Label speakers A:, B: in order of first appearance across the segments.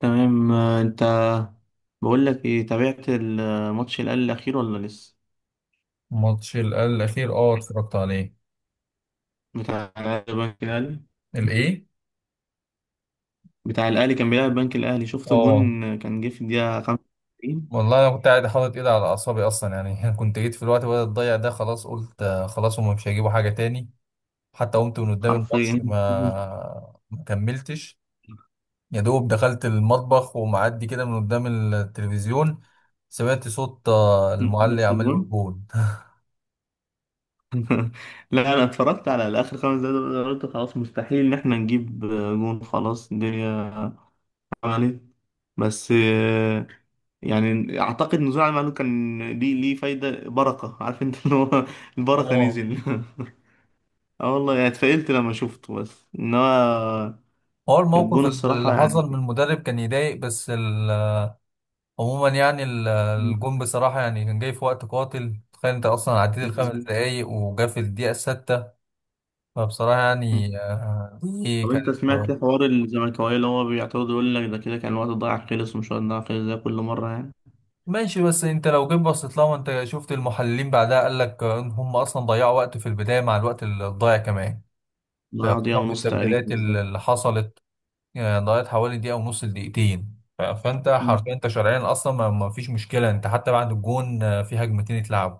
A: تمام، انت بقول لك ايه؟ تابعت الماتش الاهلي الاخير ولا لسه؟
B: ماتش الأخير اه اتفرجت عليه.
A: بتاع البنك الاهلي.
B: الإيه؟
A: بتاع الاهلي كان بيلعب البنك الاهلي. شفت
B: اه
A: الجون؟ كان جه في الدقيقه 25
B: والله أنا كنت قاعد حاطط إيدي على أعصابي أصلا يعني أنا كنت جيت في الوقت بدأت تضيع ده خلاص قلت خلاص هما مش هيجيبوا حاجة تاني. حتى قمت من قدام الماتش
A: حرفيا.
B: ما كملتش. يا دوب دخلت المطبخ ومعدي كده من قدام التلفزيون. سمعت صوت
A: نفس
B: المعلق عمال يقول
A: الجون.
B: جول
A: لا انا اتفرجت على اخر خمس دقايق دول، قلت خلاص مستحيل ان احنا نجيب جون. خلاص الدنيا عملت، بس يعني اعتقد نزوع المعلول كان ليه ليه فايده. بركه، عارف انت اللي هو البركه
B: اه،
A: نزل. اه والله يعني اتفائلت لما شفته، بس انما
B: هو الموقف
A: الجون الصراحة
B: اللي
A: يعني.
B: حصل من المدرب كان يضايق بس. عموما يعني
A: مم.
B: الجون بصراحة يعني كان جاي في وقت قاتل، تخيل انت اصلا عديت الخمس
A: مظبوط.
B: دقايق وجا في الدقيقة الستة. فبصراحة
A: مم.
B: يعني دي
A: طب انت
B: كانت
A: سمعت حوار الزملكاوية اللي هو بيعترض يقول لك ده كده كان الوقت ضايع خلص ومش وقت ضايع خلص زي كل مرة؟ يعني
B: ماشي. بس انت لو جيت بصيت لها ما انت شفت المحللين بعدها قال لك ان هم اصلا ضيعوا وقت في البداية مع الوقت الضايع كمان،
A: ضيع دقيقة
B: فخصوصا في
A: ونص تقريبا
B: التبديلات
A: بالظبط.
B: اللي حصلت. ضيعت حوالي دقيقة ونص لدقيقتين، فانت حرفيا
A: مم.
B: انت شرعيا اصلا ما فيش مشكلة، انت حتى بعد الجون في هجمتين اتلعبوا.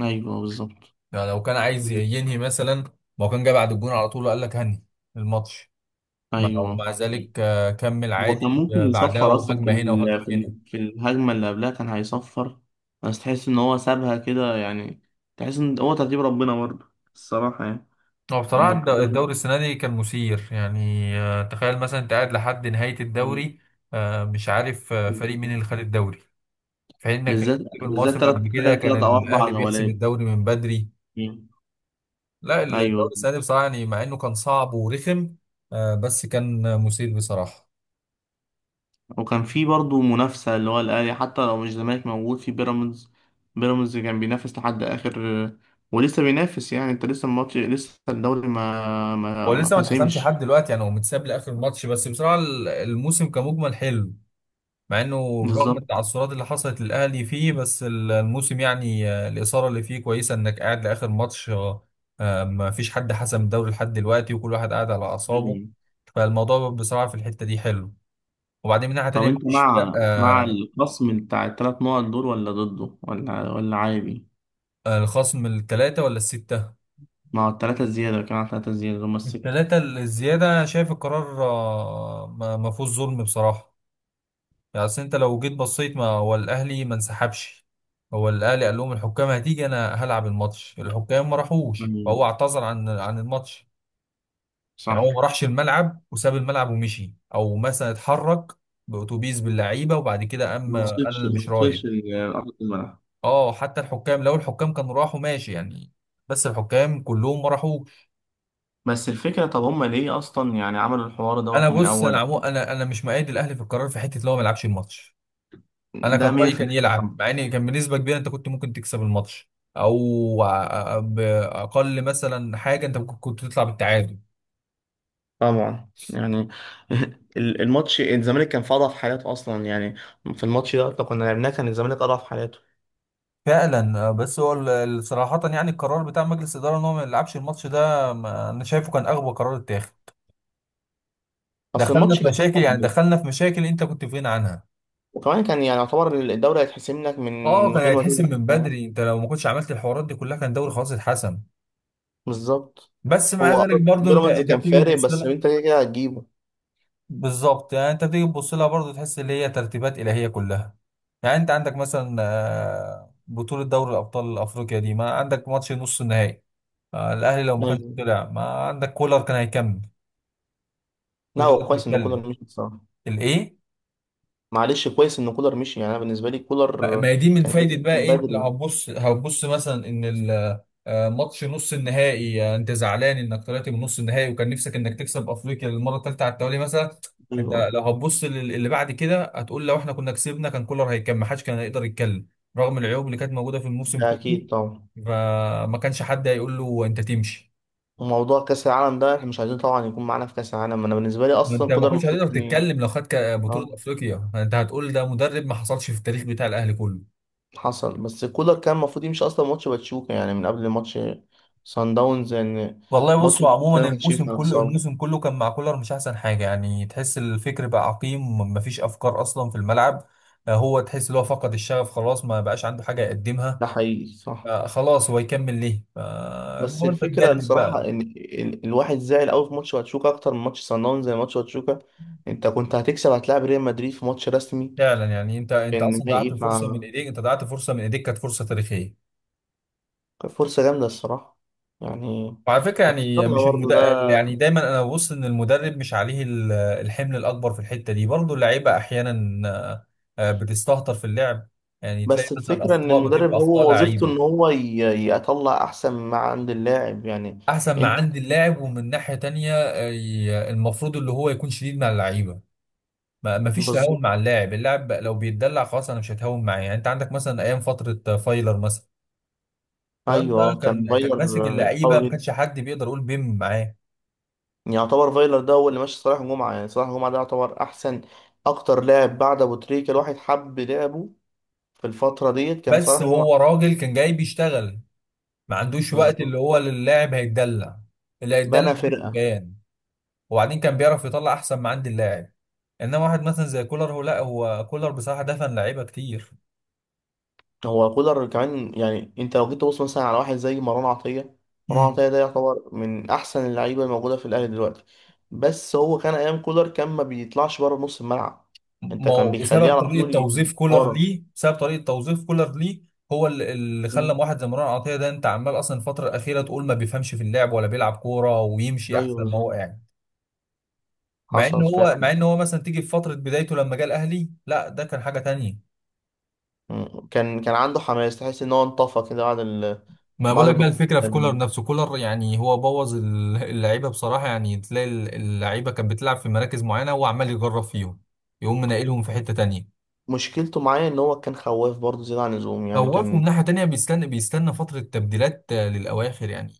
A: ايوه بالظبط.
B: يعني لو كان عايز ينهي مثلا ما هو كان جاي بعد الجون على طول وقال لك هني الماتش. ما هو
A: ايوه،
B: مع ذلك كمل
A: هو كان
B: عادي
A: ممكن
B: بعدها
A: يصفر اصلا
B: وهجمه هنا وهجمه هنا.
A: في الهجمة اللي قبلها، كان هيصفر، بس تحس ان هو سابها كده يعني. تحس ان هو ترتيب ربنا برضه الصراحة يعني.
B: هو بصراحه الدوري السنه دي كان مثير يعني، تخيل مثلا انت قاعد لحد نهايه الدوري مش عارف فريق مين
A: انه
B: اللي خد الدوري، في حين انك
A: بالذات
B: في
A: بالذات
B: المواسم
A: تلات
B: قبل
A: آخر
B: كده كان
A: تلات أو أربع
B: الاهلي بيحسم
A: جولات.
B: الدوري من بدري.
A: مم.
B: لا الدوري
A: أيوه.
B: السنه دي بصراحه يعني مع انه كان صعب ورخم بس كان مثير بصراحه.
A: وكان في برضه منافسة، اللي هو الأهلي حتى لو مش زمالك موجود، في بيراميدز. بيراميدز كان بينافس لحد آخر، ولسه بينافس. يعني أنت لسه الماتش، لسه الدوري ما ما
B: هو
A: ما
B: لسه ما اتحسمش لحد
A: حسمش.
B: دلوقتي، يعني هو متساب لاخر الماتش، بس بصراحه الموسم كمجمل حلو مع انه، رغم
A: بالظبط.
B: التعثرات اللي حصلت للاهلي فيه، بس الموسم يعني الاثاره اللي فيه كويسه، انك قاعد لاخر ماتش. ما فيش حد حسم الدوري لحد دلوقتي وكل واحد قاعد على اعصابه.
A: مم.
B: فالموضوع بصراحه في الحته دي حلو. وبعدين من ناحيه
A: طب
B: تانيه
A: أنت
B: مفيش فرق.
A: مع الخصم بتاع التلات نقط دول ولا ضده ولا عادي؟
B: الخصم الثلاثه ولا السته؟
A: مع التلاتة الزيادة، كان على التلاتة الزيادة هما الستة.
B: الثلاثه الزياده، شايف القرار ما فيهوش ظلم بصراحه. يعني اصل انت لو جيت بصيت ما هو الاهلي ما انسحبش. هو الاهلي قال لهم الحكام هتيجي، انا هلعب الماتش، الحكام ما راحوش، فهو
A: مم.
B: اعتذر عن الماتش. يعني
A: صح.
B: هو ما راحش الملعب وساب الملعب ومشي او مثلا اتحرك باتوبيس باللعيبه وبعد كده قام
A: ما
B: قال
A: وصلش
B: انا
A: ما
B: مش رايح.
A: وصلش لأرض الملعب.
B: اه، حتى الحكام لو الحكام كانوا راحوا ماشي يعني، بس الحكام كلهم ما راحوش.
A: بس الفكرة طب هما ليه أصلا يعني عملوا الحوار
B: انا
A: دوت من
B: بص، انا
A: الأول؟
B: عمو، انا مش مؤيد الاهلي في القرار في حته اللي هو ما يلعبش الماتش. انا
A: ده
B: كان
A: مية
B: رايي
A: في
B: كان يلعب،
A: المية
B: مع ان كان بنسبه كبيره انت كنت ممكن تكسب الماتش او باقل مثلا حاجه انت ممكن كنت تطلع بالتعادل.
A: طبعا يعني. الماتش الزمالك كان في اضعف حالاته اصلا يعني. في الماتش ده لو كنا لعبناه، كان الزمالك اضعف حالاته.
B: فعلا بس هو صراحة يعني القرار بتاع مجلس الإدارة إن هو ما يلعبش الماتش ده أنا شايفه كان أغبى قرار اتاخد.
A: اصل
B: دخلنا
A: الماتش
B: في
A: كان
B: مشاكل يعني،
A: صعب،
B: دخلنا في مشاكل أنت كنت في غنى عنها.
A: وكمان كان يعني يعتبر الدوري هيتحسم لك
B: اه
A: من
B: كان
A: غير ما
B: هيتحسم من
A: تلعب.
B: بدري، انت لو ما كنتش عملت الحوارات دي كلها كان الدوري خلاص اتحسم.
A: بالظبط.
B: بس مع
A: هو
B: ذلك برضو انت
A: بيراميدز
B: انت
A: كان
B: بتيجي
A: فارق،
B: تبص.
A: بس انت كده كده هتجيبه
B: بالظبط، يعني انت بتيجي تبص لها برضه تحس ان هي ترتيبات الهيه كلها. يعني انت عندك مثلا بطوله دوري الابطال الافريقيا دي، ما عندك ماتش نص النهائي. الاهلي لو ما كانش
A: يعني.
B: طلع، ما عندك كولر كان هيكمل.
A: لا
B: مش قادر
A: هو كويس ان
B: تتكلم.
A: كولر مشي بصراحه.
B: الايه؟
A: معلش، كويس ان كولر مشي. يعني انا بالنسبه لي
B: ما
A: كولر
B: هي دي من
A: كان لازم
B: فايدة بقى
A: يكون
B: ايه، انت لو
A: بدري.
B: هتبص هتبص مثلا ان ماتش نص النهائي انت زعلان انك طلعت من نص النهائي وكان نفسك انك تكسب افريقيا للمرة الثالثة على التوالي مثلا.
A: ايوه.
B: انت لو هتبص اللي بعد كده هتقول لو احنا كنا كسبنا كان كولر هيكمل، ما حدش كان هيقدر يتكلم رغم العيوب اللي كانت موجودة في الموسم
A: ده
B: كله،
A: اكيد طبعا.
B: فما كانش حد هيقول له انت تمشي.
A: وموضوع كاس العالم ده احنا مش عايزين طبعا يكون معانا في كاس العالم. انا بالنسبه لي
B: ما انت
A: اصلا
B: ما
A: كولر
B: كنتش
A: المفروض
B: هتقدر
A: كان
B: تتكلم لو خدت بطولة
A: اه
B: افريقيا، انت هتقول ده مدرب ما حصلش في التاريخ بتاع الاهلي كله.
A: حصل، بس كولر كان المفروض يمشي اصلا ماتش باتشوكا يعني، من قبل ماتش سان داونز يعني.
B: والله
A: ماتش
B: بصوا،
A: باتشوكا ده
B: عموما
A: ما كانش
B: الموسم
A: ينفع
B: كله،
A: نخسره.
B: الموسم كله كان مع كولر مش احسن حاجه، يعني تحس الفكر بقى عقيم مفيش افكار اصلا في الملعب. هو تحس ان هو فقد الشغف، خلاص ما بقاش عنده حاجه يقدمها.
A: ده حقيقي صح.
B: خلاص هو يكمل ليه،
A: بس
B: فالمهم انت
A: الفكره
B: تجدد
A: الصراحه
B: بقى.
A: ان الواحد زعل قوي في ماتش باتشوكا اكتر من ماتش سان داونز. زي ماتش باتشوكا، انت كنت هتكسب، هتلاعب ريال مدريد في ماتش رسمي،
B: فعلا يعني انت
A: كان
B: اصلا ضيعت
A: نهائي
B: فرصه من ايديك، انت ضيعت فرصه من ايديك، كانت فرصه تاريخيه.
A: كانت فرصه جامده الصراحه يعني.
B: وعلى فكرة
A: بس
B: يعني
A: يلا
B: مش
A: برضه ده.
B: المدرب، يعني دايما انا ببص ان المدرب مش عليه الحمل الاكبر في الحتة دي، برضه اللعيبة احيانا بتستهتر في اللعب، يعني تلاقي
A: بس
B: مثلا
A: الفكرة إن
B: اخطاء
A: المدرب
B: بتبقى اخطاء
A: هو وظيفته إن
B: لعيبة.
A: هو يطلع أحسن ما عند اللاعب يعني.
B: احسن ما
A: أنت
B: عند اللاعب، ومن ناحية تانية المفروض اللي هو يكون شديد مع اللعيبة، ما فيش
A: بالظبط.
B: تهاون مع اللاعب. اللاعب لو بيتدلع خلاص انا مش هتهاون معاه، يعني انت عندك مثلا ايام فترة فايلر مثلا. فايلر ده
A: أيوه، كان
B: كان ماسك
A: فايلر
B: اللعيبة، ما
A: قوي جدا.
B: كانش حد بيقدر يقول بيم معاه.
A: يعتبر فايلر ده هو اللي ماشي صلاح جمعة. يعني صلاح جمعة ده يعتبر أحسن، أكتر لاعب بعد أبو تريكة الواحد حب لعبه. في الفترة ديت كان
B: بس
A: صلاح جمعة.
B: هو راجل كان جاي بيشتغل، ما عندوش وقت
A: بالظبط.
B: اللي هو للاعب هيتدلع، اللي هيتدلع
A: بنى
B: مش
A: فرقة.
B: مكان. وبعدين كان بيعرف يطلع احسن ما عند اللاعب. انما واحد مثلا زي كولر، هو لا هو كولر بصراحه دفن لعيبه كتير.
A: هو كولر كمان يعني انت لو جيت تبص مثلا على واحد زي مروان عطية. مروان
B: امم.
A: عطية ده يعتبر من احسن اللعيبة الموجودة في الاهلي دلوقتي، بس هو كان ايام كولر كان ما بيطلعش بره نص الملعب. انت
B: ما
A: كان
B: هو
A: بيخليه
B: بسبب
A: على
B: طريقه
A: طول
B: توظيف كولر
A: ورا.
B: ليه، بسبب طريقه توظيف كولر ليه. هو اللي خلى
A: مم.
B: واحد زي مروان عطيه ده، انت عمال اصلا الفتره الاخيره تقول ما بيفهمش في اللعب ولا بيلعب كوره ويمشي
A: ايوه
B: احسن ما هو
A: بالظبط.
B: قاعد. مع ان
A: حصل
B: هو مع
A: فعلا.
B: ان هو مثلا تيجي في فتره بدايته لما جه الاهلي، لا ده كان حاجه تانية.
A: مم. كان عنده حماس، تحس ان هو انطفى كده بعد ال...
B: ما بقول
A: بعد
B: لك بقى
A: البطولة
B: الفكره في كولر
A: كان-
B: نفسه. كولر يعني هو بوظ اللعيبه بصراحه، يعني تلاقي اللعيبه كانت بتلعب في مراكز معينه هو عمال يجرب فيهم، يقوم منقلهم في حته تانية.
A: مشكلته معايا ان هو كان خواف برضه زيادة عن اللزوم يعني.
B: خوفهم
A: كان
B: ناحيه تانية، بيستنى فتره تبديلات للاواخر يعني،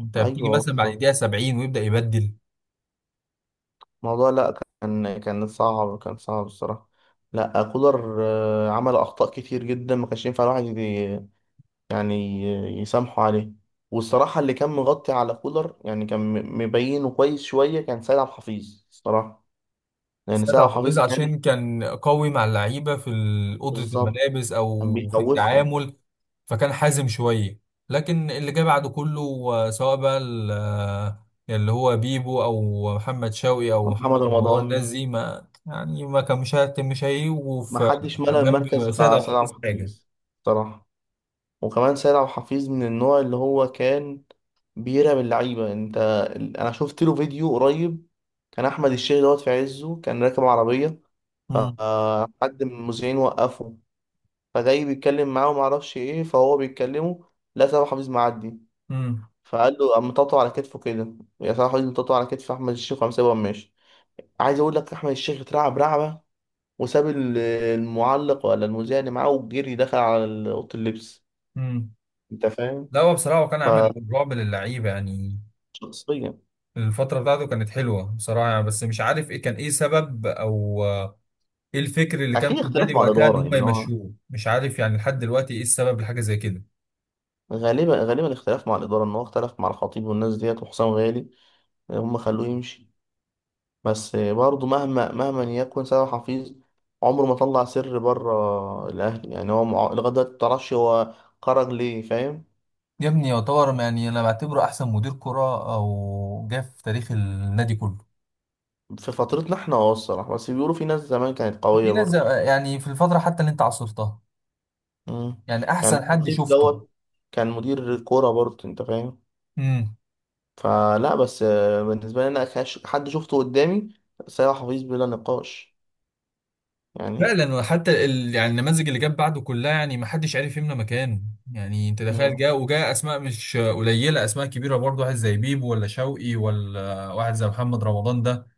B: انت بتيجي
A: ايوه
B: مثلا بعد
A: بالظبط
B: دقيقه 70 ويبدا يبدل.
A: الموضوع. لا، كان صعب، كان صعب الصراحة. لا كولر عمل أخطاء كتير جدا، ما كانش ينفع الواحد يعني يسامحه عليه. والصراحة اللي كان مغطي على كولر، يعني كان مبينه كويس شوية، كان سيد عبد الحفيظ الصراحة. لأن سيد
B: سيد
A: عبد
B: عبد العزيز
A: الحفيظ كان
B: عشان كان قوي مع اللعيبة في أوضة
A: بالظبط
B: الملابس
A: كان
B: أو في
A: بيخوفهم.
B: التعامل، فكان حازم شوية. لكن اللي جه بعده كله سواء بقى اللي هو بيبو أو محمد شوقي أو
A: محمد
B: محمد رمضان، الناس
A: رمضان
B: دي ما يعني ما كان مش مش هيجوا
A: ما
B: في
A: حدش ملأ المركز
B: جنب سيد
A: بتاع
B: عبد
A: سيد عبد
B: العزيز حاجة.
A: الحفيظ الصراحة. وكمان سيد عبد الحفيظ من النوع اللي هو كان بيرعب اللعيبة. انت انا شفت له فيديو قريب، كان احمد الشيخ دوت في عزه كان راكب عربية،
B: مم.
A: فحد من المذيعين وقفه، فجاي بيتكلم معاه ومعرفش ايه، فهو بيتكلمه، لا سيد عبد الحفيظ معدي،
B: مم.
A: فقال له قام مطاطه على كتفه كده، يا سيد عبد الحفيظ مطاطه على كتف احمد الشيخ، وقام سايبه وقام ماشي. عايز اقول لك احمد الشيخ اترعب رعبة، وساب المعلق ولا المذيع اللي معاه، وجري دخل على اوضه اللبس.
B: مم.
A: انت فاهم؟
B: لا هو بصراحة هو كان عامل رعب للعيبة يعني.
A: فشخصيا،
B: الفترة بتاعته كانت حلوة بصراحة يعني، بس مش عارف ايه كان، ايه سبب او ايه الفكر اللي كان
A: اكيد
B: في
A: اختلاف
B: النادي
A: مع
B: وقتها ان
A: الاداره
B: هم
A: يعني. هو
B: يمشوه، مش عارف يعني لحد دلوقتي ايه السبب لحاجه زي كده.
A: غالبا غالبا الاختلاف مع الاداره ان هو اختلف مع الخطيب والناس ديت وحسام غالي، هم خلوه يمشي. بس برضه مهما مهما يكن، سامح حفيظ عمره ما طلع سر بره الاهلي يعني. هو لغايه دلوقتي ما تعرفش هو خرج ليه، فاهم؟
B: يا ابني يعتبر، يعني انا بعتبره احسن مدير كرة او جه في تاريخ النادي كله.
A: في فترتنا احنا الصراحه، بس بيقولوا في ناس زمان كانت قويه
B: في ناس زي-
A: برضه.
B: يعني في الفترة حتى اللي انت عاصرتها،
A: مم.
B: يعني
A: يعني
B: احسن حد
A: الخطيب
B: شفته.
A: دوت كان مدير كوره برضه، انت فاهم؟
B: امم.
A: فلا، بس بالنسبه لي انا حد شفته قدامي، سامح حفيظ بلا نقاش يعني.
B: فعلا، وحتى ال... يعني النماذج اللي جت بعده كلها يعني ما حدش عارف يملى مكانه. يعني انت تخيل
A: مم.
B: جاء وجاء اسماء مش قليله، اسماء كبيره برضه، واحد زي بيبو ولا شوقي ولا واحد زي محمد رمضان ده.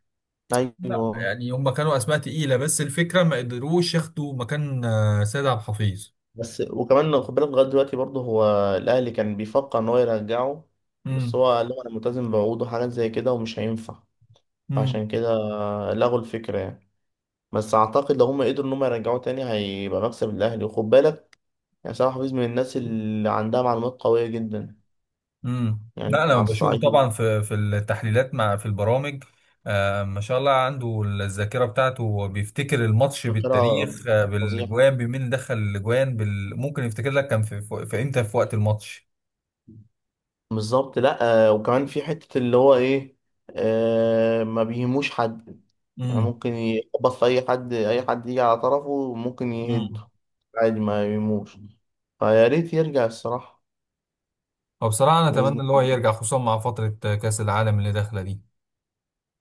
B: لا
A: ايوه.
B: يعني هم كانوا اسماء تقيله، بس الفكره ما قدروش ياخدوا مكان سيد عبد الحفيظ.
A: بس وكمان خد بالك، لغايه دلوقتي برضه هو الاهلي كان بيفكر ان هو يرجعه، بس
B: امم.
A: هو قال لهم انا ملتزم بعقوده، حاجات زي كده، ومش هينفع.
B: امم.
A: عشان كده لغوا الفكره يعني. بس اعتقد لو هم قدروا ان هم يرجعوه تاني هيبقى مكسب الاهلي. وخد بالك يعني سامح حفيظ من الناس اللي عندها معلومات قويه جدا.
B: امم.
A: يعني
B: لا انا
A: كان على
B: بشوفه طبعا
A: الصعيد
B: في التحليلات، مع في البرامج، آه ما شاء الله عنده الذاكره بتاعته، هو بيفتكر الماتش
A: ذاكره
B: بالتاريخ، آه
A: فظيعه.
B: بالاجوان، بمين دخل الاجوان، بال... ممكن يفتكر لك كان في امتى في وقت الماتش.
A: بالظبط. لا وكمان في حتة اللي هو ايه، ما بيهموش حد. يعني
B: امم.
A: ممكن يخبط في اي حد، اي حد يجي على طرفه ممكن يهده
B: امم.
A: عادي، ما يهموش. فيا ريت يرجع الصراحة،
B: وبصراحه انا اتمنى
A: بإذن
B: ان هو
A: الله.
B: يرجع، خصوصا مع فتره كاس العالم اللي داخله دي.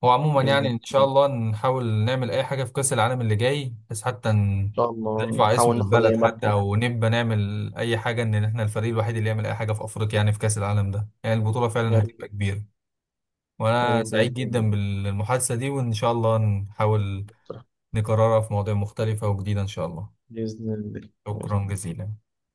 B: هو عموما
A: بإذن
B: يعني
A: الله
B: ان شاء
A: إن
B: الله نحاول نعمل اي حاجه في كاس العالم اللي جاي، بس حتى
A: شاء الله
B: نرفع اسم
A: نحاول ناخد
B: البلد،
A: أي
B: حتى
A: مركز.
B: او نبقى نعمل اي حاجه ان احنا الفريق الوحيد اللي يعمل اي حاجه في افريقيا يعني في كاس العالم ده، يعني البطوله
A: يا
B: فعلا
A: ريت.
B: هتبقى كبيره.
A: يا
B: وانا
A: ريت
B: سعيد
A: بإذن الله.
B: جدا بالمحادثه دي، وان شاء الله نحاول نكررها في مواضيع مختلفه وجديده ان شاء الله.
A: بإذن الله بإذن
B: شكرا
A: الله.
B: جزيلا.